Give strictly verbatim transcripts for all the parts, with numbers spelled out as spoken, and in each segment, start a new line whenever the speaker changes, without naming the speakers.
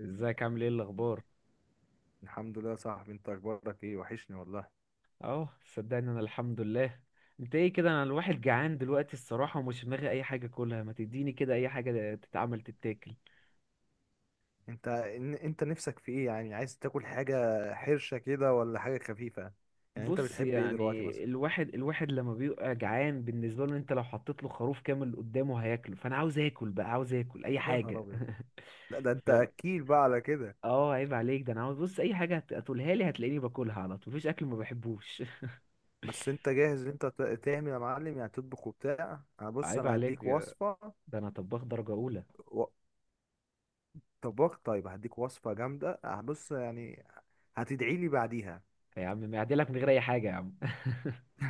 ازيك عامل ايه الاخبار؟
الحمد لله يا صاحبي، انت اخبارك ايه؟ وحشني والله.
اهو صدقني، انا الحمد لله. انت ايه كده؟ انا الواحد جعان دلوقتي الصراحه ومش في دماغي اي حاجه، كلها ما تديني كده اي حاجه تتعمل تتاكل.
انت ان- انت نفسك في ايه؟ يعني عايز تاكل حاجه حرشه كده، ولا حاجه خفيفه؟ يعني انت
بص
بتحب ايه دلوقتي
يعني
مثلا؟
الواحد الواحد لما بيبقى جعان بالنسبه له، انت لو حطيت له خروف كامل قدامه هياكله، فانا عاوز اكل بقى، عاوز اكل اي
يا نهار
حاجه.
ابيض! لا، ده انت
فاهم.
اكيل بقى على كده.
اه عيب عليك، ده انا عاوز بص اي حاجه هت- هتقولها لي هتلاقيني باكلها على طول، مفيش اكل ما بحبوش.
بس انت جاهز ان انت ت- تعمل يا معلم، يعني تطبخ وبتاع؟ انا بص،
عيب
انا
عليك،
هديك وصفه.
ده انا طباخ درجه اولى.
و... طباخ، طيب هديك وصفه جامده. أه، بص يعني، هتدعي لي بعديها.
يا عم معدلك من غير اي حاجه يا عم.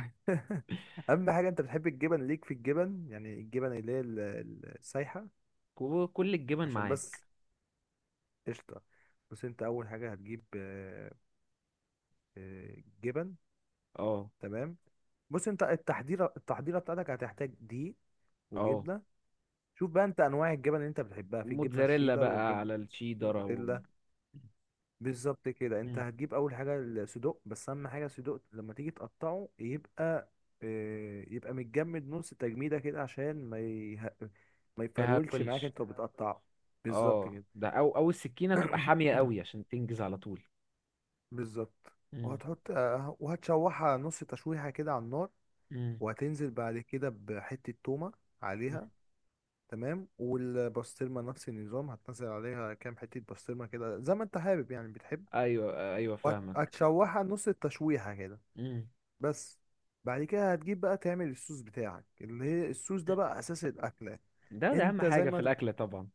اهم حاجه، انت بتحب الجبن؟ ليك في الجبن يعني الجبن اللي هي ال- ال- السايحه.
وكل الجبن
عشان
معاك.
بس. قشطة. بص انت اول حاجة هتجيب آه، آه، جبن.
اه
تمام. بص، انت التحضيرة التحضيرة بتاعتك هتحتاج دقيق
اه.
وجبنة. شوف بقى انت انواع الجبن اللي انت بتحبها، في الجبنة
موتزاريلا
الشيدر،
بقى
والجبنة
على الشيدر او.
الموتزاريلا. بالظبط كده. انت
مم.
هتجيب اول حاجة الصدوق، بس اهم حاجة الصدوق لما تيجي تقطعه يبقى آه، يبقى متجمد نص تجميدة كده، عشان ما يه... ما يفرولش معاك
هاكلش.
انت وبتقطعه. بالظبط
اه،
كده.
ده او او السكينه تبقى حاميه قوي عشان تنجز على طول.
بالظبط.
مم.
وهتحط آه، وهتشوحها نص تشويحة كده على النار.
مم.
وهتنزل بعد كده بحتة تومة
مم.
عليها. تمام. والبسطرمة نفس النظام، هتنزل عليها كام حتة بسطرمة كده زي ما انت حابب، يعني بتحب.
ايوه ايوه
وهت-
فاهمك.
هتشوحها نص التشويحة كده
مم.
بس. بعد كده هتجيب بقى تعمل الصوص بتاعك، اللي هي الصوص ده بقى أساس الأكلة.
ده ده اهم
انت زي
حاجه في
ما تب-
الاكل طبعا.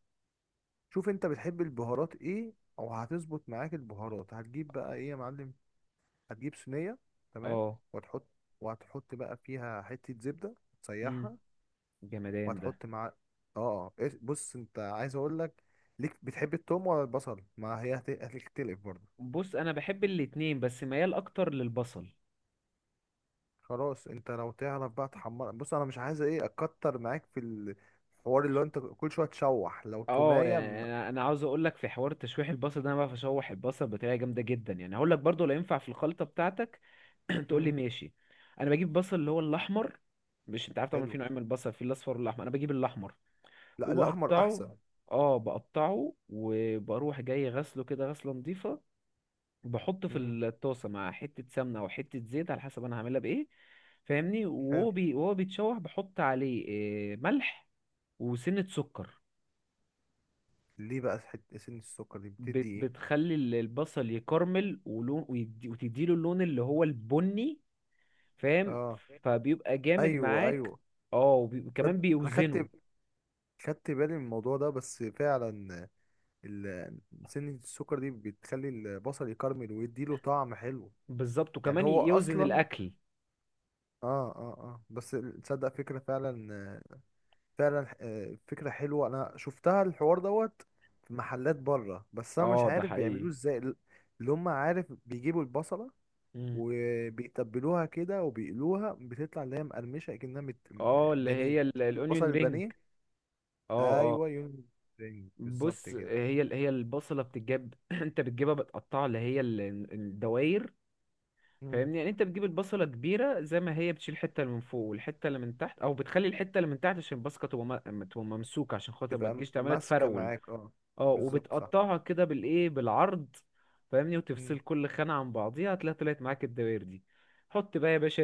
شوف، انت بتحب البهارات ايه، او هتظبط معاك البهارات؟ هتجيب بقى ايه يا معلم؟ هتجيب صينية. تمام.
اه.
وهتحط وهتحط بقى فيها حتة زبدة
مم.
تسيحها.
جمدان ده.
وهتحط مع اه آه. إيه- بص انت عايز اقول لك، ليك بتحب التوم ولا البصل؟ ما هي هت- هتختلف برضه.
بص انا بحب الاتنين بس ميال اكتر للبصل.
خلاص، انت لو تعرف بقى تحمر، بص انا مش عايز ايه اكتر معاك في الحوار، اللي هو انت كل شوية تشوح لو
اه
تومية م...
يعني انا أنا عاوز اقول لك في حوار تشويح البصل ده، انا بعرف اشوح البصل بطريقه جامده جدا، يعني هقول لك برضو لا ينفع في الخلطه بتاعتك. تقول لي
مم.
ماشي. انا بجيب بصل اللي هو الاحمر. مش انت عارف طبعا
حلو.
في نوعين من البصل، في الاصفر والاحمر، انا بجيب الاحمر
لا، الاحمر
وبقطعه.
احسن.
اه بقطعه وبروح جاي غسله كده غسله نظيفه. بحطه في
مم.
الطاسه مع حته سمنه او حته زيت على حسب انا هعملها بايه. فاهمني.
حلو.
وهو بي... وهو بيتشوح بحط عليه آه، ملح وسنه سكر.
ليه بقى حت- سن السكر دي بتدي
بت-
ايه؟
بتخلي ال- البصل يكرمل ولون ويدي... وتديله اللون اللي هو البني. فاهم.
اه،
فبيبقى جامد
ايوه
معاك.
ايوه.
اه، وبي- وكمان
تصدق انا خدت
بيوزنه.
خدت بالي من الموضوع ده، بس فعلا ال- سنة السكر دي بتخلي البصل يكرمل ويديله طعم حلو.
بالظبط
يعني
وكمان
هو
ي- يوزن
اصلا
الاكل.
اه اه اه بس. تصدق فكرة فعلا. فعلا آه، فكرة حلوة، انا شفتها الحوار دوت في محلات بره، بس انا مش
اه ده
عارف
حقيقي.
بيعملوه ازاي ال- اللي هم، عارف، بيجيبوا البصلة،
مم.
وبيتبلوها كده وبيقلوها، بتطلع اللي هي مقرمشة كأنها مت...
اه اللي هي
بانيه. شفت البصل
الاونيون رينج.
البانيه؟
اه اه.
ايوه يوم. بالظبط
بص
كده.
هي ال- هي البصله بتتجاب، انت بتجيبها بتقطعها اللي هي ال- الدواير.
مم.
فاهمني. يعني انت بتجيب البصله كبيره زي ما هي، بتشيل الحته اللي من فوق والحته اللي من تحت، او بتخلي الحته اللي من تحت عشان البصله تبقى م- تبقى ممسوكه، عشان خاطر ما
تبقى م-
تجيش تعملها
ماسكة
تفرول.
معاك، اه.
اه
بالظبط صح.
وبتقطعها كده بالايه، بالعرض. فاهمني. وتفصل
مم.
كل خانة عن بعضيها هتلاقي طلعت معاك الدوائر دي. حط بقى يا باشا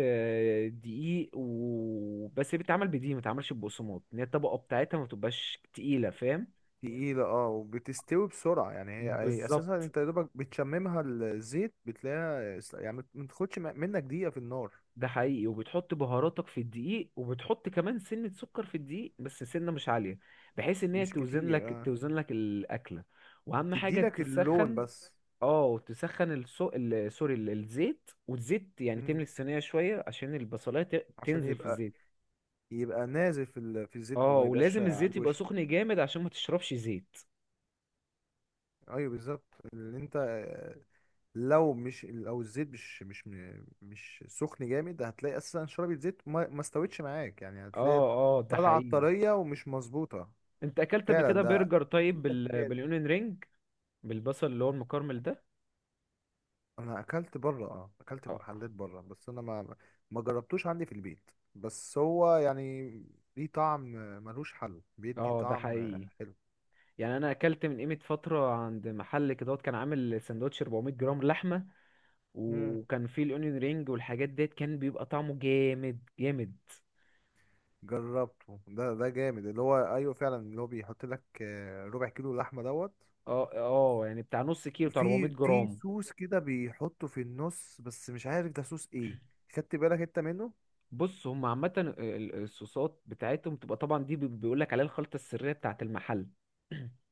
دقيق و... بس هي بتتعمل بدقيق، ما بتتعملش ببقسماط، ان هي الطبقة بتاعتها ما بتبقاش تقيلة. فاهم.
تقيلة، اه، وبتستوي بسرعة. يعني هي هي اساسا
بالظبط.
انت يا دوبك بتشممها الزيت، بتلاقيها اس- يعني ما تاخدش م- منك دقيقة في النار.
ده حقيقي. وبتحط بهاراتك في الدقيق، وبتحط كمان سنة سكر في الدقيق بس سنة مش عالية، بحيث ان هي
مش
توزن
كتير،
لك
اه.
توزن لك الأكلة. واهم حاجة
تديلك اللون
تسخن.
بس.
اه تسخن الصو... ال... سوري ال- الزيت. والزيت يعني تملي
مم.
الصينية شوية عشان البصلاية ت...
عشان
تنزل في
يبقى
الزيت.
يبقى نازل في ال... في الزيت،
اه
وما يبقاش
ولازم
على
الزيت يبقى
الوش.
سخن جامد عشان ما تشربش زيت.
ايوه بالظبط اللي انت، لو مش لو الزيت مش مش مش سخن جامد، هتلاقي اساسا شربة زيت، ما ما استوتش معاك، يعني هتلاقي
اه اه ده
طالعه
حقيقي.
طريه ومش مظبوطه.
انت اكلت قبل
فعلا.
كده
ده
برجر طيب
في
بال...
تكات.
بالاونيون رينج، بالبصل اللي هو المكرمل ده.
انا اكلت بره اه اكلت في
اه
محلات بره، بس انا ما ما جربتوش عندي في البيت، بس هو يعني ليه طعم، ملوش حل، بيدي
اه ده
طعم
حقيقي.
حلو.
يعني انا اكلت من قيمة فترة عند محل كده، كان عامل سندوتش 400 جرام لحمة،
امم
وكان فيه الاونيون رينج والحاجات ديت، كان بيبقى طعمه جامد جامد.
جربته. ده ده جامد. اللي هو ايوه فعلا، اللي هو بيحط لك آه، ربع كيلو لحمه دوت.
اه اه يعني بتاع نص كيلو، بتاع 400
وفي في
جرام.
صوص كده بيحطه في النص، بس مش عارف ده صوص ايه. خدت بالك انت منه
بص هم عامة ال- ال- الصوصات بتاعتهم بتبقى طبعا دي بيقول لك عليها الخلطة السرية بتاعت المحل.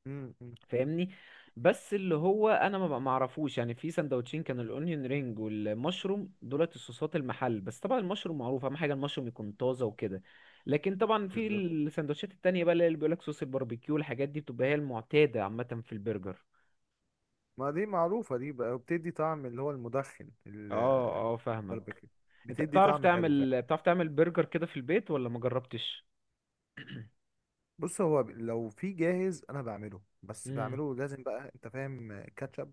امم
فاهمني. بس اللي هو انا ما ما اعرفوش، يعني في سندوتشين كان الاونيون رينج والمشروم دولت الصوصات المحل، بس طبعا المشروم معروف اهم حاجة المشروم يكون طازة وكده. لكن طبعا في
بالظبط.
السندوتشات التانية بقى اللي بيقول لك صوص الباربيكيو الحاجات دي، بتبقى هي المعتادة عامة في البرجر.
ما دي معروفة دي بقى، وبتدي طعم اللي هو المدخن
اه اه فاهمك.
الباربيكيو.
انت
بتدي
بتعرف
طعم حلو فعلا.
تعمل بتعرف تعمل برجر كده في البيت ولا ما جربتش؟
بص هو، ب- لو في جاهز انا بعمله، بس
امم.
بعمله لازم بقى، انت فاهم، كاتشب.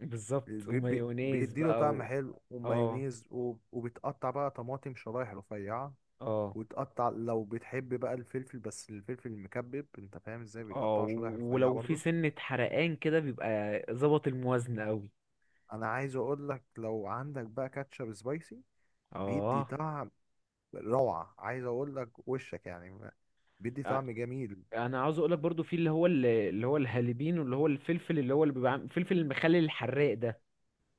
بالظبط،
بي- بي-
ومايونيز
بيديله
بقى
طعم
و...
حلو
اه
ومايونيز، وب- وبتقطع بقى طماطم شرايح رفيعة.
اه
وتقطع لو بتحب بقى الفلفل. بس الفلفل المكبب، انت فاهم ازاي،
اه.
بيتقطع شرايح
و-
رفيعة
ولو في
برضو.
سنة حرقان كده بيبقى ظبط الموازنة قوي.
انا عايز اقول لك، لو عندك بقى كاتشب سبايسي، بيدي
اه.
طعم روعة، عايز اقول لك وشك يعني ما- بيدي
أ-
طعم جميل.
انا عاوز اقولك برضو في اللي هو ال- اللي هو الهالبين، واللي هو الفلفل اللي هو اللي بيبقى عام- الفلفل المخلل الحراق ده.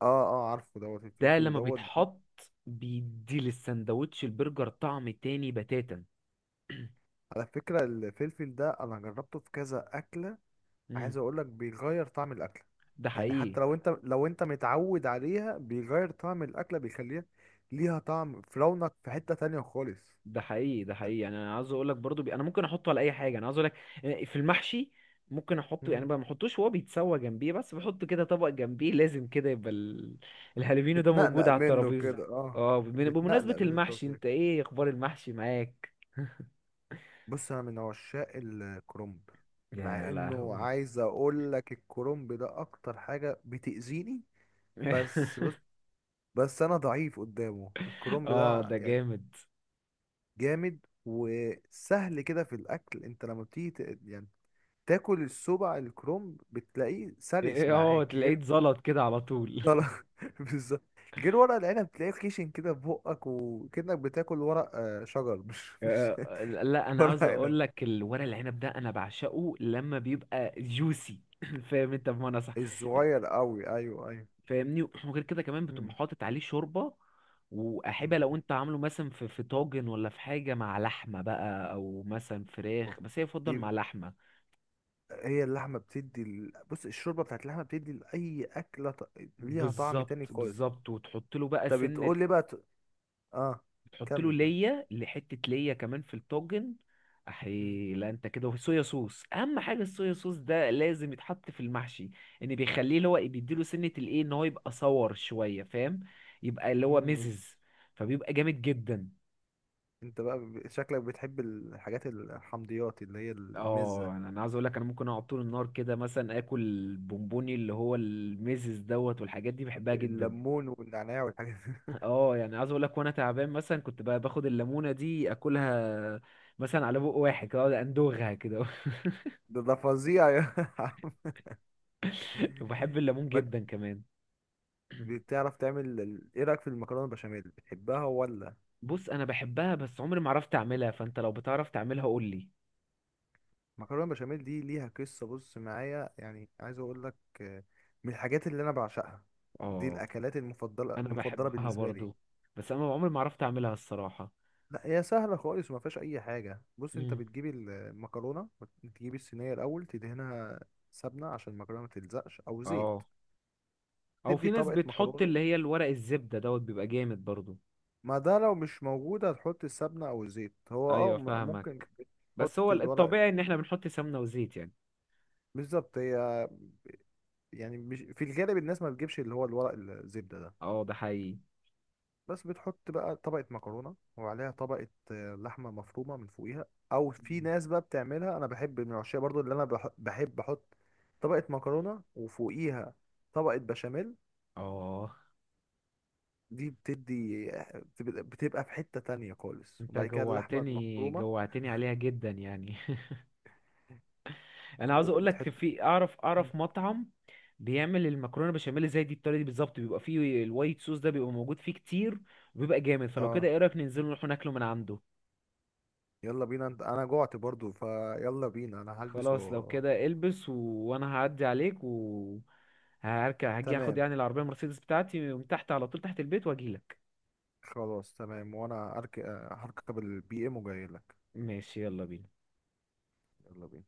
اه اه، عارفه دوت
ده
الفلفل
لما
دوت.
بيتحط بيدي للسندوتش البرجر طعم تاني بتاتا.
على فكرة الفلفل ده انا جربته في كذا اكلة.
امم.
عايز اقول لك بيغير طعم الاكلة.
ده
يعني
حقيقي
حتى لو انت لو انت متعود عليها، بيغير طعم الاكلة، بيخليها ليها طعم في رونق في حتة تانية خالص.
ده حقيقي ده حقيقي. يعني انا عاوز اقول لك برضو بي... انا ممكن احطه على اي حاجه، انا عاوز اقول لك آه، في المحشي. ممكن احطه يعني بقى، ما احطوش وهو بيتسوى جنبيه بس بحطه كده طبق جنبيه، لازم كده يبقى ال... الهالوفينو ده موجود
بتنقنق
على
منه كده
الترابيزه.
الكفته، اه.
اه. بمن- بمناسبه
بتنقنق من
المحشي
التوفيق.
انت ايه اخبار المحشي معاك؟
بص انا من عشاق الكرنب. مع
يا
انه،
لهوي.
عايز اقول لك، الكرنب ده اكتر حاجه بتاذيني. بس بص، بس انا ضعيف قدامه الكرنب
اه
ده
ده
يعني.
جامد.
جامد وسهل كده في الاكل، انت لما بتيجي ت- يعني تاكل السبع الكرنب، بتلاقيه
إيه،
سلس
إيه، اه
معاك،
تلاقيه
غير.
اتزلط كده على طول.
طلع- بالظبط. غير ورق العنب تلاقيه خشن كده في بقك، وكأنك بتاكل ورق آه، شجر، مش مش
آه، لا انا
ورق
عاوز
عنب
اقول لك الورق العنب ده انا بعشقه لما بيبقى جوسي. فاهم انت بمعنى صح.
الصغير قوي. ايوه ايوه.
فاهمني. وغير كده كمان بتبقى
مم.
حاطط عليه شوربة، وأحبة
مم.
لو أنت عامله مثلا في في طاجن، ولا في حاجة مع لحمة بقى، أو مثلا
أوف.
فراخ، بس هي يفضل
دي
مع لحمة.
هي اللحمه بتدي ال... بص الشوربه بتاعت اللحمه بتدي لاي اكله ط... ليها طعم تاني
بالظبط
خالص.
بالظبط، وتحط له بقى
طب
سنة.
بتقول لي بقى ت... اه،
تحط له
كمل كمل.
ليا لحتة ليا كمان في الطاجن.
مم.
أحي لا، أنت كده صويا صوص. أهم حاجة الصويا صوص ده لازم يتحط في المحشي. إن بيخليه اللي هو إيه، بيديله سنة الإيه إن هو يبقى صور شوية. فاهم. يبقى اللي هو
مم.
مزز، فبيبقى جامد جدا.
انت بقى ب- شكلك بتحب الحاجات الحمضيات، اللي هي المزه.
اه، انا أنا عاوز اقول لك انا ممكن اقعد طول النهار كده، مثلا اكل البونبوني اللي هو الميزز دوت والحاجات دي بحبها جدا.
الليمون والنعناع والحاجات.
اه يعني عاوز اقول لك، وانا تعبان مثلا كنت بقى باخد الليمونه دي اكلها، مثلا على بق واحد كده أقعد اندوغها كده.
ده ده فظيع يا عم.
وبحب الليمون
ما
جدا كمان.
بتعرف تعمل ال- ايه رايك في المكرونه البشاميل، بتحبها ولا؟
بص انا بحبها بس عمري ما عرفت اعملها، فانت لو بتعرف تعملها قول لي.
مكرونه بشاميل دي ليها قصه، بص معايا يعني، عايز اقول لك آه، من الحاجات اللي انا بعشقها. دي
اه
الاكلات المفضله
انا
المفضله
بحبها
بالنسبه لي.
برضو، بس انا عمري ما عرفت اعملها الصراحه.
لا هي سهله خالص وما فيهاش اي حاجه. بص انت
امم.
بتجيب المكرونه، بتجيب الصينيه الاول تدهنها سمنه عشان المكرونه ما تلزقش، او زيت.
اه، او
تدي
في ناس
طبقه
بتحط
مكرونه.
اللي هي الورق الزبده دوت بيبقى جامد برضو.
ما ده لو مش موجوده هتحط السمنه او الزيت، هو اه
ايوه
م- ممكن
فاهمك. بس هو
تحط الورق.
الطبيعي ان احنا بنحط سمنه وزيت يعني.
بالظبط هي. يعني مش في الغالب الناس ما بتجيبش اللي هو الورق الزبده ده.
اه ده حقيقي.
بس بتحط بقى طبقة مكرونة، وعليها طبقة آه، لحمة مفرومة من فوقيها. أو في ناس بقى بتعملها، أنا بحب من العشاء برضو اللي أنا بح- بحب أحط طبقة مكرونة وفوقيها طبقة بشاميل.
اه
دي بتدي بتبقى بتبقى في حتة تانية خالص،
انت
وبعد كده اللحمة
جوعتني
المفرومة.
جوعتني عليها جدا يعني. انا عاوز اقول
وتحط.
لك في اعرف
مم.
اعرف مطعم بيعمل المكرونه بشاميل زي دي الطريقه دي بالظبط، بيبقى فيه الوايت صوص ده بيبقى موجود فيه كتير، وبيبقى جامد. فلو كده
اه،
ايه رايك ننزل نروح ناكله من عنده؟
يلا بينا انت، انا جوعت برضو، فيلا بينا، انا هلبس و...
خلاص لو كده البس و... وانا هعدي عليك و هركب هاجي اخد
تمام.
يعني العربيه مرسيدس بتاعتي من تحت على طول تحت البيت واجيلك.
خلاص تمام، وانا أرك... آه، هركب البي ام وجاي لك.
ماشي يلا بينا.
يلا بينا.